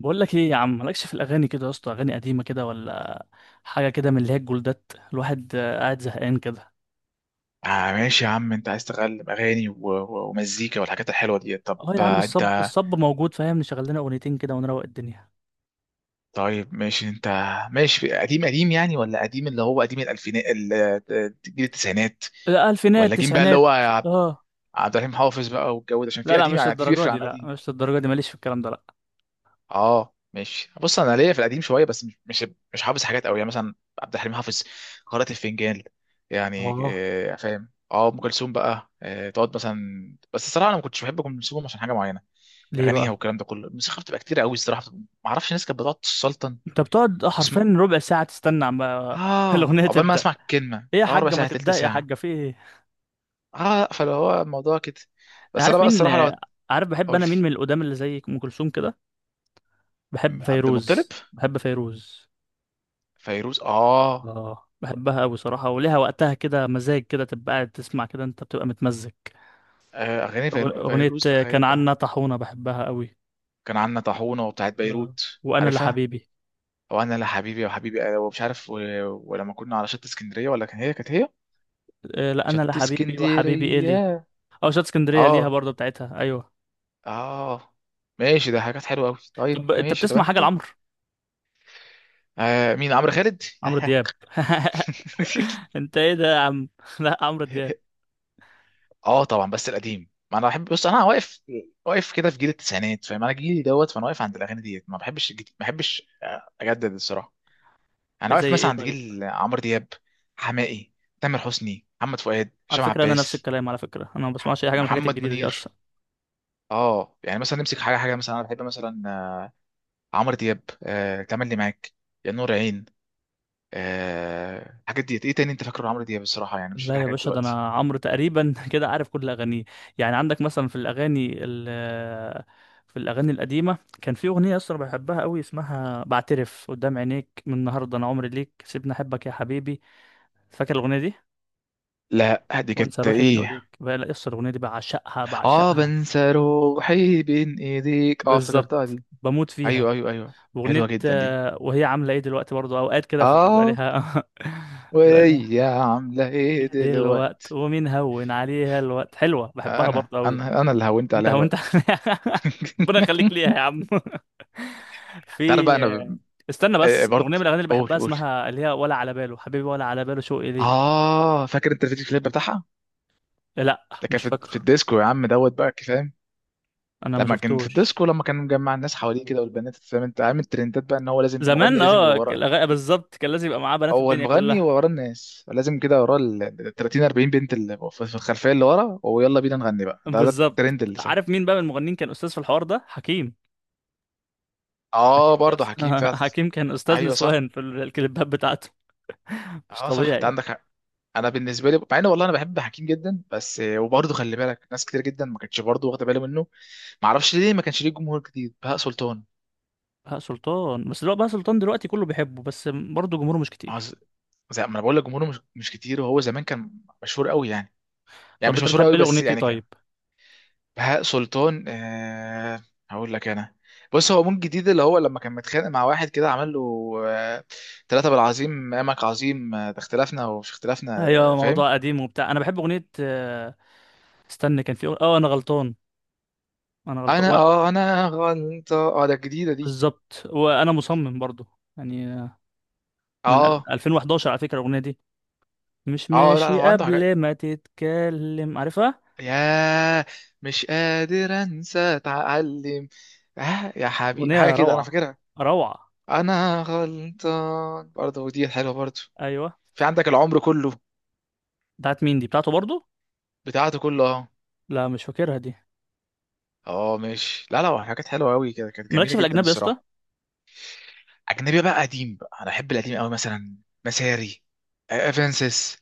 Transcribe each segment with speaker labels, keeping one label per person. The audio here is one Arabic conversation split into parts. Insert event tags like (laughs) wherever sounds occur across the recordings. Speaker 1: بقول لك ايه يا عم؟ مالكش في الاغاني كده يا اسطى، اغاني قديمه كده ولا حاجه كده من اللي هي الجولدات؟ الواحد قاعد زهقان كده.
Speaker 2: آه ماشي يا عم، انت عايز تغلب اغاني ومزيكا والحاجات الحلوه دي. طب
Speaker 1: اه يا عم،
Speaker 2: آه انت.
Speaker 1: الصب موجود فاهم؟ نشغل لنا اغنيتين كده ونروق الدنيا.
Speaker 2: طيب ماشي انت. ماشي، قديم قديم يعني؟ ولا قديم اللي هو قديم الالفينات آه، جيل التسعينات.
Speaker 1: الالفينات،
Speaker 2: ولا جيم بقى اللي
Speaker 1: التسعينات،
Speaker 2: هو
Speaker 1: اه.
Speaker 2: عبد الرحيم حافظ بقى والجو ده، عشان
Speaker 1: لا
Speaker 2: في
Speaker 1: لا
Speaker 2: قديم
Speaker 1: مش
Speaker 2: يعني قديم
Speaker 1: للدرجه
Speaker 2: بيفرق
Speaker 1: دي،
Speaker 2: عن
Speaker 1: لا
Speaker 2: قديم.
Speaker 1: مش للدرجه دي، ماليش في الكلام ده لا.
Speaker 2: اه ماشي، بص انا ليا في القديم شويه، بس مش مش حافظ حاجات قوي، يعني مثلا عبد الحليم حافظ، قارئة الفنجان. يعني
Speaker 1: اه
Speaker 2: فاهم؟ اه، ام كلثوم بقى، آه تقعد مثلا. بس الصراحه انا ما كنتش بحب ام كلثوم عشان حاجه معينه.
Speaker 1: ليه
Speaker 2: اغانيها
Speaker 1: بقى؟
Speaker 2: والكلام ده كله، الموسيقى بتبقى كتير قوي الصراحه. ما اعرفش، الناس كانت بتقعد تسلطن.
Speaker 1: انت بتقعد
Speaker 2: اسم.
Speaker 1: حرفيا ربع ساعه تستنى عم (laughs) الاغنيه
Speaker 2: اه، عقبال ما
Speaker 1: تبدا.
Speaker 2: اسمع الكلمه
Speaker 1: ايه يا
Speaker 2: اه ربع
Speaker 1: حاجه ما
Speaker 2: ساعه تلت
Speaker 1: تبدا يا
Speaker 2: ساعه.
Speaker 1: حاجه في ايه؟
Speaker 2: اه، فلو هو الموضوع كده.
Speaker 1: أنا
Speaker 2: بس انا
Speaker 1: عارف
Speaker 2: بقى
Speaker 1: مين
Speaker 2: الصراحه لو
Speaker 1: عارف بحب
Speaker 2: اقول لي.
Speaker 1: انا مين من القدام اللي زي ام كلثوم كده. بحب
Speaker 2: عبد المطلب.
Speaker 1: فيروز، بحب فيروز.
Speaker 2: فيروز، اه.
Speaker 1: اه بحبها قوي صراحة، وليها وقتها كده، مزاج كده تبقى قاعد تسمع كده، انت بتبقى متمزج.
Speaker 2: آه، اغاني
Speaker 1: أغنية
Speaker 2: فيروز
Speaker 1: كان
Speaker 2: بخير بقى.
Speaker 1: عنا طاحونة، بحبها قوي.
Speaker 2: كان عندنا طاحونه وبتاعت
Speaker 1: اه،
Speaker 2: بيروت،
Speaker 1: وأنا
Speaker 2: عارفها؟
Speaker 1: لحبيبي.
Speaker 2: او انا لا حبيبي، يا حبيبي أنا، ومش عارف ولما كنا على شط اسكندريه، ولا كان هي كانت هي.
Speaker 1: لا، أنا
Speaker 2: شط
Speaker 1: لحبيبي وحبيبي إيه لي.
Speaker 2: اسكندريه.
Speaker 1: أو شات اسكندرية ليها
Speaker 2: اه.
Speaker 1: برضه بتاعتها، أيوه.
Speaker 2: اه ماشي، ده حاجات حلوه قوي. طيب
Speaker 1: طب أنت
Speaker 2: ماشي، طب
Speaker 1: بتسمع حاجة
Speaker 2: انت.
Speaker 1: لعمرو؟
Speaker 2: آه، مين؟ عمرو خالد؟
Speaker 1: عمرو دياب
Speaker 2: (laughs)
Speaker 1: (laughs) أنت إيه ده يا عم؟ (laughs) لا عمرو دياب.
Speaker 2: اه طبعا. بس القديم، ما انا بحب، بص انا واقف، واقف كده في جيل التسعينات، فاهم؟ انا جيلي دوت، فانا واقف عند الاغاني ديت، ما بحبش الجديد، ما بحبش آه، اجدد الصراحه. انا واقف
Speaker 1: زي إيه
Speaker 2: مثلا عند
Speaker 1: طيب؟
Speaker 2: جيل عمرو دياب، حماقي، تامر حسني، محمد فؤاد،
Speaker 1: على
Speaker 2: هشام
Speaker 1: فكرة أنا نفس
Speaker 2: عباس،
Speaker 1: الكلام، على فكرة أنا ما بسمعش أي حاجة من الحاجات
Speaker 2: محمد
Speaker 1: الجديدة دي أصلا.
Speaker 2: منير. اه يعني مثلا نمسك حاجه حاجه، مثلا انا بحب مثلا آه، عمرو دياب. آه، تملي معاك، يا نور عين. آه، الحاجات ديت. ايه تاني انت فاكره عمرو دياب؟ الصراحه يعني مش فاكر
Speaker 1: لا يا
Speaker 2: حاجات
Speaker 1: باشا، ده
Speaker 2: دلوقتي.
Speaker 1: انا عمرو تقريبا (laughs) كده، عارف كل اغانيه. يعني عندك مثلا في الاغاني ال آه، في الاغاني القديمه كان في اغنيه اصلا بحبها قوي، اسمها بعترف قدام عينيك، من النهارده انا عمري ليك، سيبني احبك يا حبيبي. فاكر الاغنيه دي؟
Speaker 2: لا، دي
Speaker 1: وانسى
Speaker 2: كانت
Speaker 1: روحي بين
Speaker 2: ايه؟
Speaker 1: ايديك بقى، لا اصلا الاغنيه دي بعشقها
Speaker 2: اه،
Speaker 1: بعشقها.
Speaker 2: بنسى روحي بين ايديك، اه افتكرتها
Speaker 1: بالظبط،
Speaker 2: دي.
Speaker 1: بموت فيها.
Speaker 2: ايوه ايوه ايوه. حلوه
Speaker 1: اغنيه
Speaker 2: جدا دي.
Speaker 1: وهي عامله ايه دلوقتي برضو، اوقات كده فبيبقى
Speaker 2: اه.
Speaker 1: ليها (laughs) بيبقى ليها.
Speaker 2: وهي عامله ايه
Speaker 1: ايه
Speaker 2: دلوقتي؟
Speaker 1: دلوقت ومين هون عليها الوقت، حلوه بحبها
Speaker 2: انا
Speaker 1: برضو قوي.
Speaker 2: انا انا اللي هونت
Speaker 1: انت،
Speaker 2: عليها
Speaker 1: هو انت؟
Speaker 2: الوقت.
Speaker 1: (laughs)
Speaker 2: (laughs)
Speaker 1: ربنا يخليك ليها يا عم. (laughs)
Speaker 2: تعرف
Speaker 1: في،
Speaker 2: بقى، انا
Speaker 1: استنى
Speaker 2: آه، آه،
Speaker 1: بس. الاغنيه
Speaker 2: برضه.
Speaker 1: من الاغاني اللي
Speaker 2: قول
Speaker 1: بحبها
Speaker 2: قول.
Speaker 1: اسمها اللي هي ولا على باله حبيبي، ولا على باله شوقي ليه.
Speaker 2: اه، فاكر انت الفيديو كليب بتاعها؟
Speaker 1: لا
Speaker 2: ده كان
Speaker 1: مش
Speaker 2: في في
Speaker 1: فاكره.
Speaker 2: الديسكو يا عم دوت بقى، فاهم؟
Speaker 1: انا ما
Speaker 2: لما كان في
Speaker 1: شفتوش.
Speaker 2: الديسكو، لما كان مجمع الناس حواليه كده والبنات، فاهم؟ انت عامل ترندات بقى ان هو لازم
Speaker 1: زمان
Speaker 2: مغني، لازم يبقى
Speaker 1: اه،
Speaker 2: ورا.
Speaker 1: بالظبط، كان لازم يبقى معاه بنات
Speaker 2: هو
Speaker 1: الدنيا
Speaker 2: المغني
Speaker 1: كلها.
Speaker 2: ورا الناس، لازم كده ورا ال 30 40 بنت اللي في في الخلفيه اللي ورا، ويلا بينا نغني بقى، ده ده
Speaker 1: بالظبط.
Speaker 2: الترند اللي ساي.
Speaker 1: عارف مين بقى من المغنيين كان استاذ في الحوار ده؟ حكيم.
Speaker 2: اه،
Speaker 1: حكيم يا
Speaker 2: برضه
Speaker 1: اسطى
Speaker 2: حكيم
Speaker 1: (laughs)
Speaker 2: فعلا.
Speaker 1: حكيم كان استاذ
Speaker 2: ايوه صح.
Speaker 1: نسوان في الكليبات بتاعته. مش
Speaker 2: اه صح، انت
Speaker 1: طبيعي.
Speaker 2: عندك حق. انا بالنسبه لي، مع ان والله انا بحب حكيم جدا، بس وبرضه خلي بالك ناس كتير جدا ما كانتش برضه واخده باله منه. ما اعرفش ليه، ما كانش ليه جمهور جديد. بهاء سلطان.
Speaker 1: بهاء سلطان، بس دلوقتي بهاء سلطان دلوقتي كله بيحبه، بس برضه جمهوره مش
Speaker 2: ما هو
Speaker 1: كتير.
Speaker 2: زي ما انا بقول لك، جمهوره مش كتير، وهو زمان كان مشهور قوي يعني. يعني
Speaker 1: طب
Speaker 2: مش
Speaker 1: انت
Speaker 2: مشهور
Speaker 1: بتحب
Speaker 2: قوي
Speaker 1: ايه
Speaker 2: بس
Speaker 1: اغنيتي
Speaker 2: يعني.
Speaker 1: طيب؟
Speaker 2: بهاء سلطان، آه. هقول لك انا. بص، هو مون جديد، اللي هو لما كان متخانق مع واحد كده عمل له آه، ثلاثة بالعظيم امك عظيم، آه، ده اختلافنا ومش اختلافنا. آه
Speaker 1: ايوه،
Speaker 2: فاهم.
Speaker 1: موضوع قديم وبتاع. انا بحب اغنيه استنى كان في اه انا غلطان، انا غلطان
Speaker 2: انا
Speaker 1: و...
Speaker 2: اه، انا غلطة. اه ده الجديدة دي.
Speaker 1: بالظبط، وانا مصمم برضو، يعني من
Speaker 2: اه.
Speaker 1: 2011 على فكره الاغنيه دي. مش
Speaker 2: اه لا لا،
Speaker 1: ماشي،
Speaker 2: هو عنده حاجات.
Speaker 1: قبل ما تتكلم عارفها.
Speaker 2: يا، مش قادر انسى، اتعلم، آه يا حبيبي، حاجة
Speaker 1: اغنيه
Speaker 2: كده انا
Speaker 1: روعه،
Speaker 2: فاكرها.
Speaker 1: روعه.
Speaker 2: انا غلطان برضه، ودي حلوة برضه.
Speaker 1: ايوه.
Speaker 2: في عندك العمر كله.
Speaker 1: بتاعت مين دي؟ بتاعته برضو.
Speaker 2: بتاعته كله، اه.
Speaker 1: لا مش فاكرها دي.
Speaker 2: اه ماشي، لا لا، حاجات حلوه قوي كده، كانت
Speaker 1: مالكش
Speaker 2: جميله
Speaker 1: في
Speaker 2: جدا
Speaker 1: الاجنبي يا اسطى؟
Speaker 2: الصراحه. اجنبي بقى؟ قديم بقى، انا بحب القديم قوي، مثلا مساري، آه، افنسس،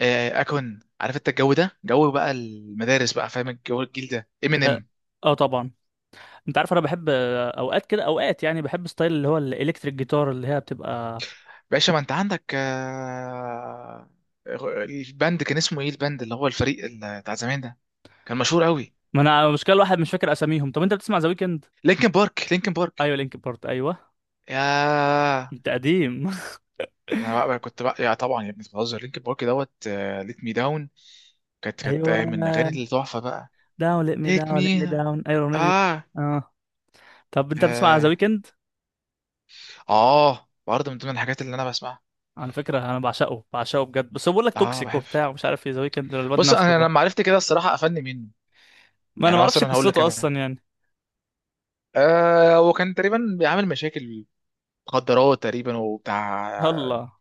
Speaker 2: آه، آه، اكون عارف. انت الجو ده، جو بقى المدارس بقى، فاهم؟ الجو الجيل ده،
Speaker 1: ده
Speaker 2: امينيم.
Speaker 1: اه طبعا. انت عارف انا بحب اوقات كده، اوقات يعني بحب ستايل اللي هو الالكتريك جيتار اللي هي بتبقى.
Speaker 2: باشا ما انت عندك آه، الباند، كان اسمه ايه الباند اللي هو الفريق بتاع زمان ده؟ كان مشهور قوي.
Speaker 1: ما انا المشكله الواحد مش فاكر اساميهم. طب انت بتسمع ذا ويكند؟
Speaker 2: لينكن بارك.
Speaker 1: ايوه لينك بارت، ايوه.
Speaker 2: يا،
Speaker 1: انت قديم.
Speaker 2: انا بقى كنت بقى، يا طبعا يا ابني، بتهزر؟ لينكن بارك دوت، ليت مي داون، كانت
Speaker 1: (laughs)
Speaker 2: كانت
Speaker 1: ايوه،
Speaker 2: آه، من الاغاني التحفه بقى.
Speaker 1: داون، ليت مي
Speaker 2: ليت
Speaker 1: داون، ليت
Speaker 2: مي.
Speaker 1: مي داون، ايوه الاغنيه دي.
Speaker 2: اه.
Speaker 1: اه. طب انت بتسمع ذا
Speaker 2: اه،
Speaker 1: ويكند؟
Speaker 2: آه، برضه من ضمن الحاجات اللي انا بسمعها.
Speaker 1: على فكره انا بعشقه بعشقه بجد، بس هو بيقول لك
Speaker 2: اه
Speaker 1: توكسيك
Speaker 2: بحب.
Speaker 1: وبتاع ومش عارف ايه، ذا ويكند الواد
Speaker 2: بص،
Speaker 1: نفسه ده.
Speaker 2: انا لما عرفت كده الصراحه قفلني منه.
Speaker 1: ما انا ما
Speaker 2: يعني
Speaker 1: اعرفش
Speaker 2: مثلا هقول لك
Speaker 1: قصته
Speaker 2: انا،
Speaker 1: اصلا يعني.
Speaker 2: آه هو كان تقريبا بيعمل مشاكل، مخدرات تقريبا وبتاع.
Speaker 1: الله.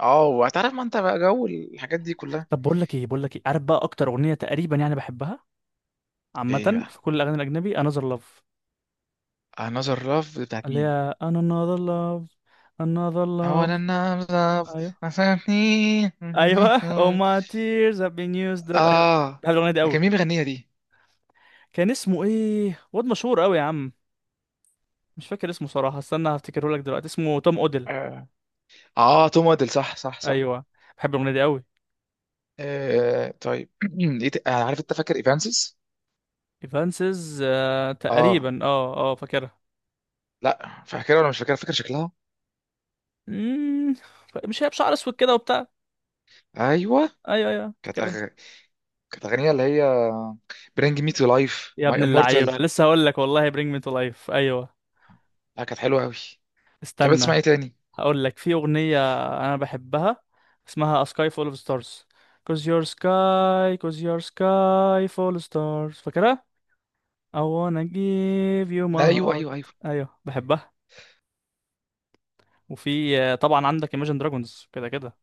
Speaker 2: اه، وهتعرف، ما انت بقى جو الحاجات دي كلها.
Speaker 1: طب بقول لك ايه، بقول لك ايه، عارف بقى اكتر اغنيه تقريبا يعني بحبها
Speaker 2: ايه
Speaker 1: عامه
Speaker 2: بقى؟
Speaker 1: في كل الاغاني الاجنبي؟ Another Love.
Speaker 2: another love بتاعت
Speaker 1: اللي
Speaker 2: مين؟
Speaker 1: هي Another Love، Another Love.
Speaker 2: اولا. love.
Speaker 1: ايوه.
Speaker 2: ما فهمتني.
Speaker 1: ايوه Oh my
Speaker 2: (laughs)
Speaker 1: tears have been used up، ايوه.
Speaker 2: اه.
Speaker 1: بحب الاغنيه دي
Speaker 2: ده كان
Speaker 1: قوي.
Speaker 2: مين بيغنيها دي؟
Speaker 1: كان اسمه ايه؟ واد مشهور قوي يا عم، مش فاكر اسمه صراحه، استنى هفتكره لك دلوقتي. اسمه توم اوديل.
Speaker 2: اه، آه، توم وادل، صح صح صح.
Speaker 1: ايوه. بحب الاغنيه دي قوي.
Speaker 2: آه طيب. (clears throat) إيه آه، عارف انت فاكر ايفانسيس؟
Speaker 1: ايفانسز، آه
Speaker 2: اه.
Speaker 1: تقريبا، اه اه فاكرها.
Speaker 2: لا فاكرها ولا مش فاكرها؟ فاكر شكلها.
Speaker 1: مم، مش هي بشعر اسود كده وبتاع؟
Speaker 2: ايوه.
Speaker 1: ايوه ايوه
Speaker 2: كانت
Speaker 1: فاكرها.
Speaker 2: أغ... كانت اغنيه اللي هي، برينج مي تو لايف،
Speaker 1: يا
Speaker 2: ماي
Speaker 1: ابن اللعيبه،
Speaker 2: امورتال.
Speaker 1: لسه هقول لك والله bring me to life، ايوه.
Speaker 2: لا كانت حلوه قوي. تحب تسمع
Speaker 1: استنى،
Speaker 2: ايه تاني؟
Speaker 1: هقول لك في اغنيه انا بحبها اسمها A Sky Full of Stars. Cause your sky, cause your sky full of stars، فاكرها؟ I wanna give you
Speaker 2: لا،
Speaker 1: my
Speaker 2: ايوه
Speaker 1: heart.
Speaker 2: ايوه ايوه.
Speaker 1: ايوه بحبها. وفي طبعا عندك Imagine Dragons كده كده،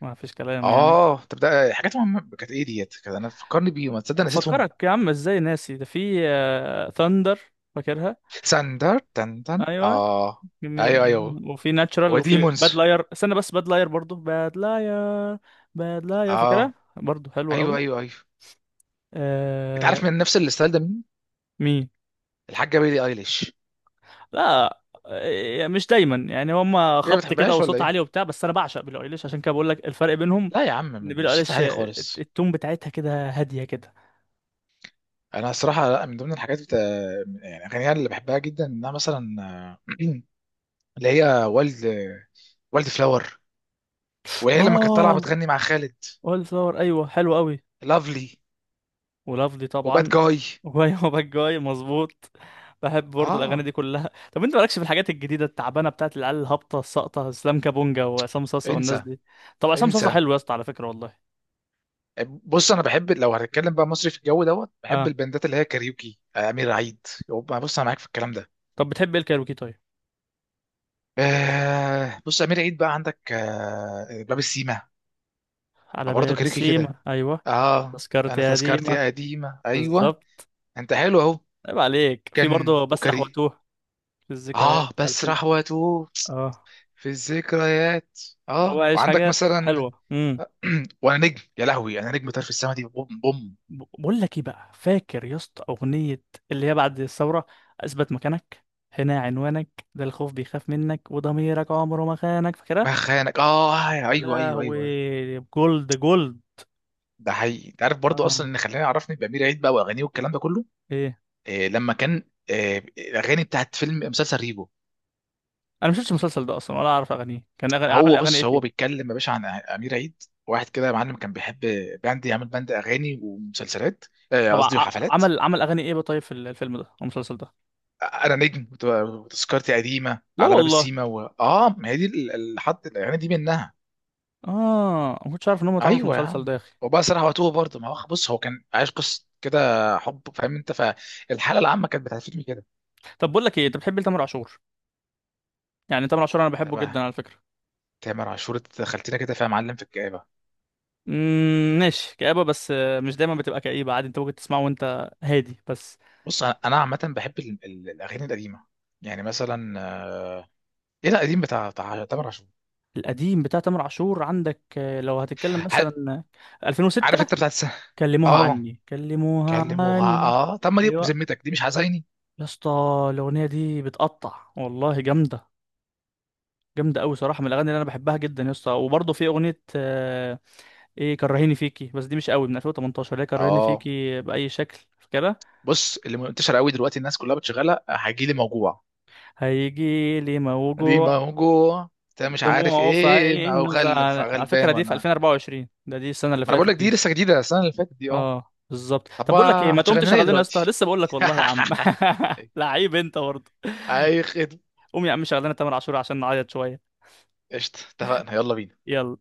Speaker 1: ما فيش كلام يعني.
Speaker 2: اه طب ده حاجات مهمه. كانت ايه ديت؟ كانت انا فكرني بيهم، ما تصدق نسيتهم.
Speaker 1: هفكرك يا عم، ازاي ناسي ده! في Thunder، فاكرها؟
Speaker 2: ساندر، تن تن
Speaker 1: ايوه،
Speaker 2: اه. ايوه
Speaker 1: جميل.
Speaker 2: ايوه.
Speaker 1: وفي ناتشرال، وفي
Speaker 2: وديمونز.
Speaker 1: باد لاير، استنى بس باد لاير برضه، باد لاير، باد لاير فاكرها
Speaker 2: اه،
Speaker 1: برضه، حلوه
Speaker 2: ايوه
Speaker 1: قوي.
Speaker 2: ايوه ايوه. انت
Speaker 1: آه...
Speaker 2: عارف من نفس الستايل ده مين؟
Speaker 1: مين؟
Speaker 2: الحاجه بيلي ايليش.
Speaker 1: لا. إيه، مش دايما يعني، هم
Speaker 2: ايه، ما
Speaker 1: خبط كده
Speaker 2: بتحبهاش ولا
Speaker 1: وصوت عالي
Speaker 2: ايه؟
Speaker 1: وبتاع، بس انا بعشق بيلي ايليش عشان كده بقول لك الفرق بينهم.
Speaker 2: لا يا عم،
Speaker 1: ان بيلي
Speaker 2: مش صوتي
Speaker 1: ايليش
Speaker 2: عالي خالص.
Speaker 1: التون بتاعتها كده هاديه كده.
Speaker 2: انا صراحه، لا، من ضمن الحاجات بتا... يعني اغانيها اللي بحبها جدا، انها مثلا (clears throat) آه، اللي هي والد، والد فلاور، وهي لما كانت طالعه
Speaker 1: اه،
Speaker 2: بتغني مع خالد.
Speaker 1: اول فلاور، ايوه حلو قوي.
Speaker 2: لافلي.
Speaker 1: ولافلي
Speaker 2: وباد
Speaker 1: طبعا.
Speaker 2: جاي.
Speaker 1: وايوه باك جاي (laughs) مظبوط. بحب برضه الاغاني
Speaker 2: اه.
Speaker 1: دي كلها. طب انت مالكش في الحاجات الجديده التعبانه بتاعت العيال الهابطه الساقطه، اسلام كابونجا وعصام صاصا والناس
Speaker 2: انسى.
Speaker 1: دي؟ طب عصام صاصا
Speaker 2: انسى.
Speaker 1: حلو يا اسطى على فكره والله.
Speaker 2: بص، انا بحب لو هنتكلم بقى مصري، في الجو دوت بحب
Speaker 1: اه.
Speaker 2: البندات اللي هي كاريوكي، آه، امير عيد. يبقى بص انا معاك في الكلام ده.
Speaker 1: طب بتحب ايه الكايروكي طيب؟
Speaker 2: آه، بص، امير عيد بقى، عندك آه باب السيما.
Speaker 1: على
Speaker 2: برضه
Speaker 1: باب
Speaker 2: كاريوكي كده.
Speaker 1: السيما، ايوه.
Speaker 2: اه،
Speaker 1: تذكرتي
Speaker 2: انا
Speaker 1: يا ديما،
Speaker 2: تذكرتي قديمه. ايوه.
Speaker 1: بالظبط.
Speaker 2: انت حلو اهو.
Speaker 1: عيب عليك، في
Speaker 2: كان
Speaker 1: برضه بسرح
Speaker 2: وكري.
Speaker 1: واتوه، في الذكريات
Speaker 2: اه، بس
Speaker 1: 2000.
Speaker 2: راح واتوه،
Speaker 1: اه،
Speaker 2: في الذكريات.
Speaker 1: هو
Speaker 2: اه،
Speaker 1: عايش
Speaker 2: وعندك
Speaker 1: حاجات
Speaker 2: مثلا
Speaker 1: حلوه.
Speaker 2: (clears throat) وانا نجم، يا لهوي انا نجم، طرف السما دي بوم بوم.
Speaker 1: بقول لك ايه بقى، فاكر يا اسطى اغنيه اللي هي بعد الثوره؟ اثبت مكانك، هنا عنوانك، ده الخوف بيخاف منك، وضميرك عمره ما خانك، فاكرها؟
Speaker 2: ما خانك، اه آه،
Speaker 1: يا
Speaker 2: ايوه ايوه ايوه.
Speaker 1: لهوي، جولد جولد.
Speaker 2: ده حقيقي. انت عارف برضو،
Speaker 1: اه.
Speaker 2: اصلا اللي خلاني عرفني بامير عيد بقى واغانيه والكلام ده كله،
Speaker 1: ايه،
Speaker 2: آه لما كان، آه الاغاني بتاعت فيلم، مسلسل ريبو.
Speaker 1: انا ما شفتش المسلسل ده اصلا ولا اعرف اغانيه، عمل
Speaker 2: هو
Speaker 1: اغاني
Speaker 2: بص،
Speaker 1: ايه
Speaker 2: هو
Speaker 1: فيه؟
Speaker 2: بيتكلم يا باشا عن امير عيد. واحد كده يا معلم كان بيحب باند، يعمل باند اغاني ومسلسلات، آه
Speaker 1: طبعا،
Speaker 2: قصدي وحفلات.
Speaker 1: عمل اغاني ايه بقى طيب في الفيلم ده أو المسلسل ده؟
Speaker 2: انا نجم وتذكرتي قديمه،
Speaker 1: لا
Speaker 2: على باب
Speaker 1: والله،
Speaker 2: السيما اه ما هي دي الحد يعني دي منها.
Speaker 1: اه ما كنتش عارف ان هم اتعاملوا في
Speaker 2: ايوه يا
Speaker 1: المسلسل ده
Speaker 2: عم.
Speaker 1: يا اخي.
Speaker 2: وبقى صراحه وتوه برضه. ما هو بص، هو كان عايش قصه كده حب، فاهم انت؟ فالحاله العامه كانت بتعرفني كده.
Speaker 1: طب بقول لك ايه، انت بتحب تامر عاشور؟ يعني تامر عاشور انا بحبه
Speaker 2: تمام.
Speaker 1: جدا على فكره.
Speaker 2: تامر عاشور، انت دخلتنا كده فيها معلم في الكآبه.
Speaker 1: امم، ماشي، كآبة بس مش دايما بتبقى كئيبة عادي، انت ممكن تسمعه وانت هادي بس.
Speaker 2: بص أنا عامه بحب الاغاني القديمه، يعني مثلا آه، ايه ده القديم بتاع بتاع تامر عاشور؟
Speaker 1: القديم بتاع تامر عاشور عندك لو هتتكلم
Speaker 2: ح-
Speaker 1: مثلا
Speaker 2: عارف
Speaker 1: 2006.
Speaker 2: انت بتاعت
Speaker 1: كلموها
Speaker 2: اه،
Speaker 1: عني، كلموها
Speaker 2: كلموها،
Speaker 1: عني.
Speaker 2: اه. طب ما دي
Speaker 1: ايوه
Speaker 2: بذمتك دي مش حزيني؟
Speaker 1: يا اسطى، الاغنيه دي بتقطع والله، جامده، جامده قوي صراحه، من الاغاني اللي انا بحبها جدا يا اسطى. وبرضه في اغنيه ايه كرهيني فيكي، بس دي مش قوي، من 2018 اللي هي كرهيني
Speaker 2: اه.
Speaker 1: فيكي باي شكل، فاكرها؟
Speaker 2: بص اللي منتشر قوي دلوقتي الناس كلها بتشغلها، هجيلي موجوع.
Speaker 1: هيجي لي
Speaker 2: دي
Speaker 1: موجوع،
Speaker 2: موجوع، انت مش عارف
Speaker 1: دموعه في
Speaker 2: ايه، ما هو
Speaker 1: عينه
Speaker 2: غل
Speaker 1: وزعل، على فكرة
Speaker 2: غلبان
Speaker 1: دي
Speaker 2: ولا
Speaker 1: في
Speaker 2: عارف.
Speaker 1: 2024، ده دي السنة اللي
Speaker 2: ما انا بقول
Speaker 1: فاتت
Speaker 2: لك، دي
Speaker 1: دي.
Speaker 2: لسه جديده، السنه اللي فاتت دي، اه.
Speaker 1: اه بالظبط.
Speaker 2: طب
Speaker 1: طب بقول لك ايه، ما تقوم
Speaker 2: هتشغلنا ايه
Speaker 1: تشغل لنا يا اسطى؟
Speaker 2: دلوقتي؟
Speaker 1: لسه بقول لك والله يا عم. (laughs)
Speaker 2: (laughs)
Speaker 1: لعيب انت برضه.
Speaker 2: اي خدمه.
Speaker 1: قوم يا عم شغل لنا تامر عاشور عشان نعيط شوية.
Speaker 2: قشطه، اتفقنا، يلا بينا.
Speaker 1: يلا.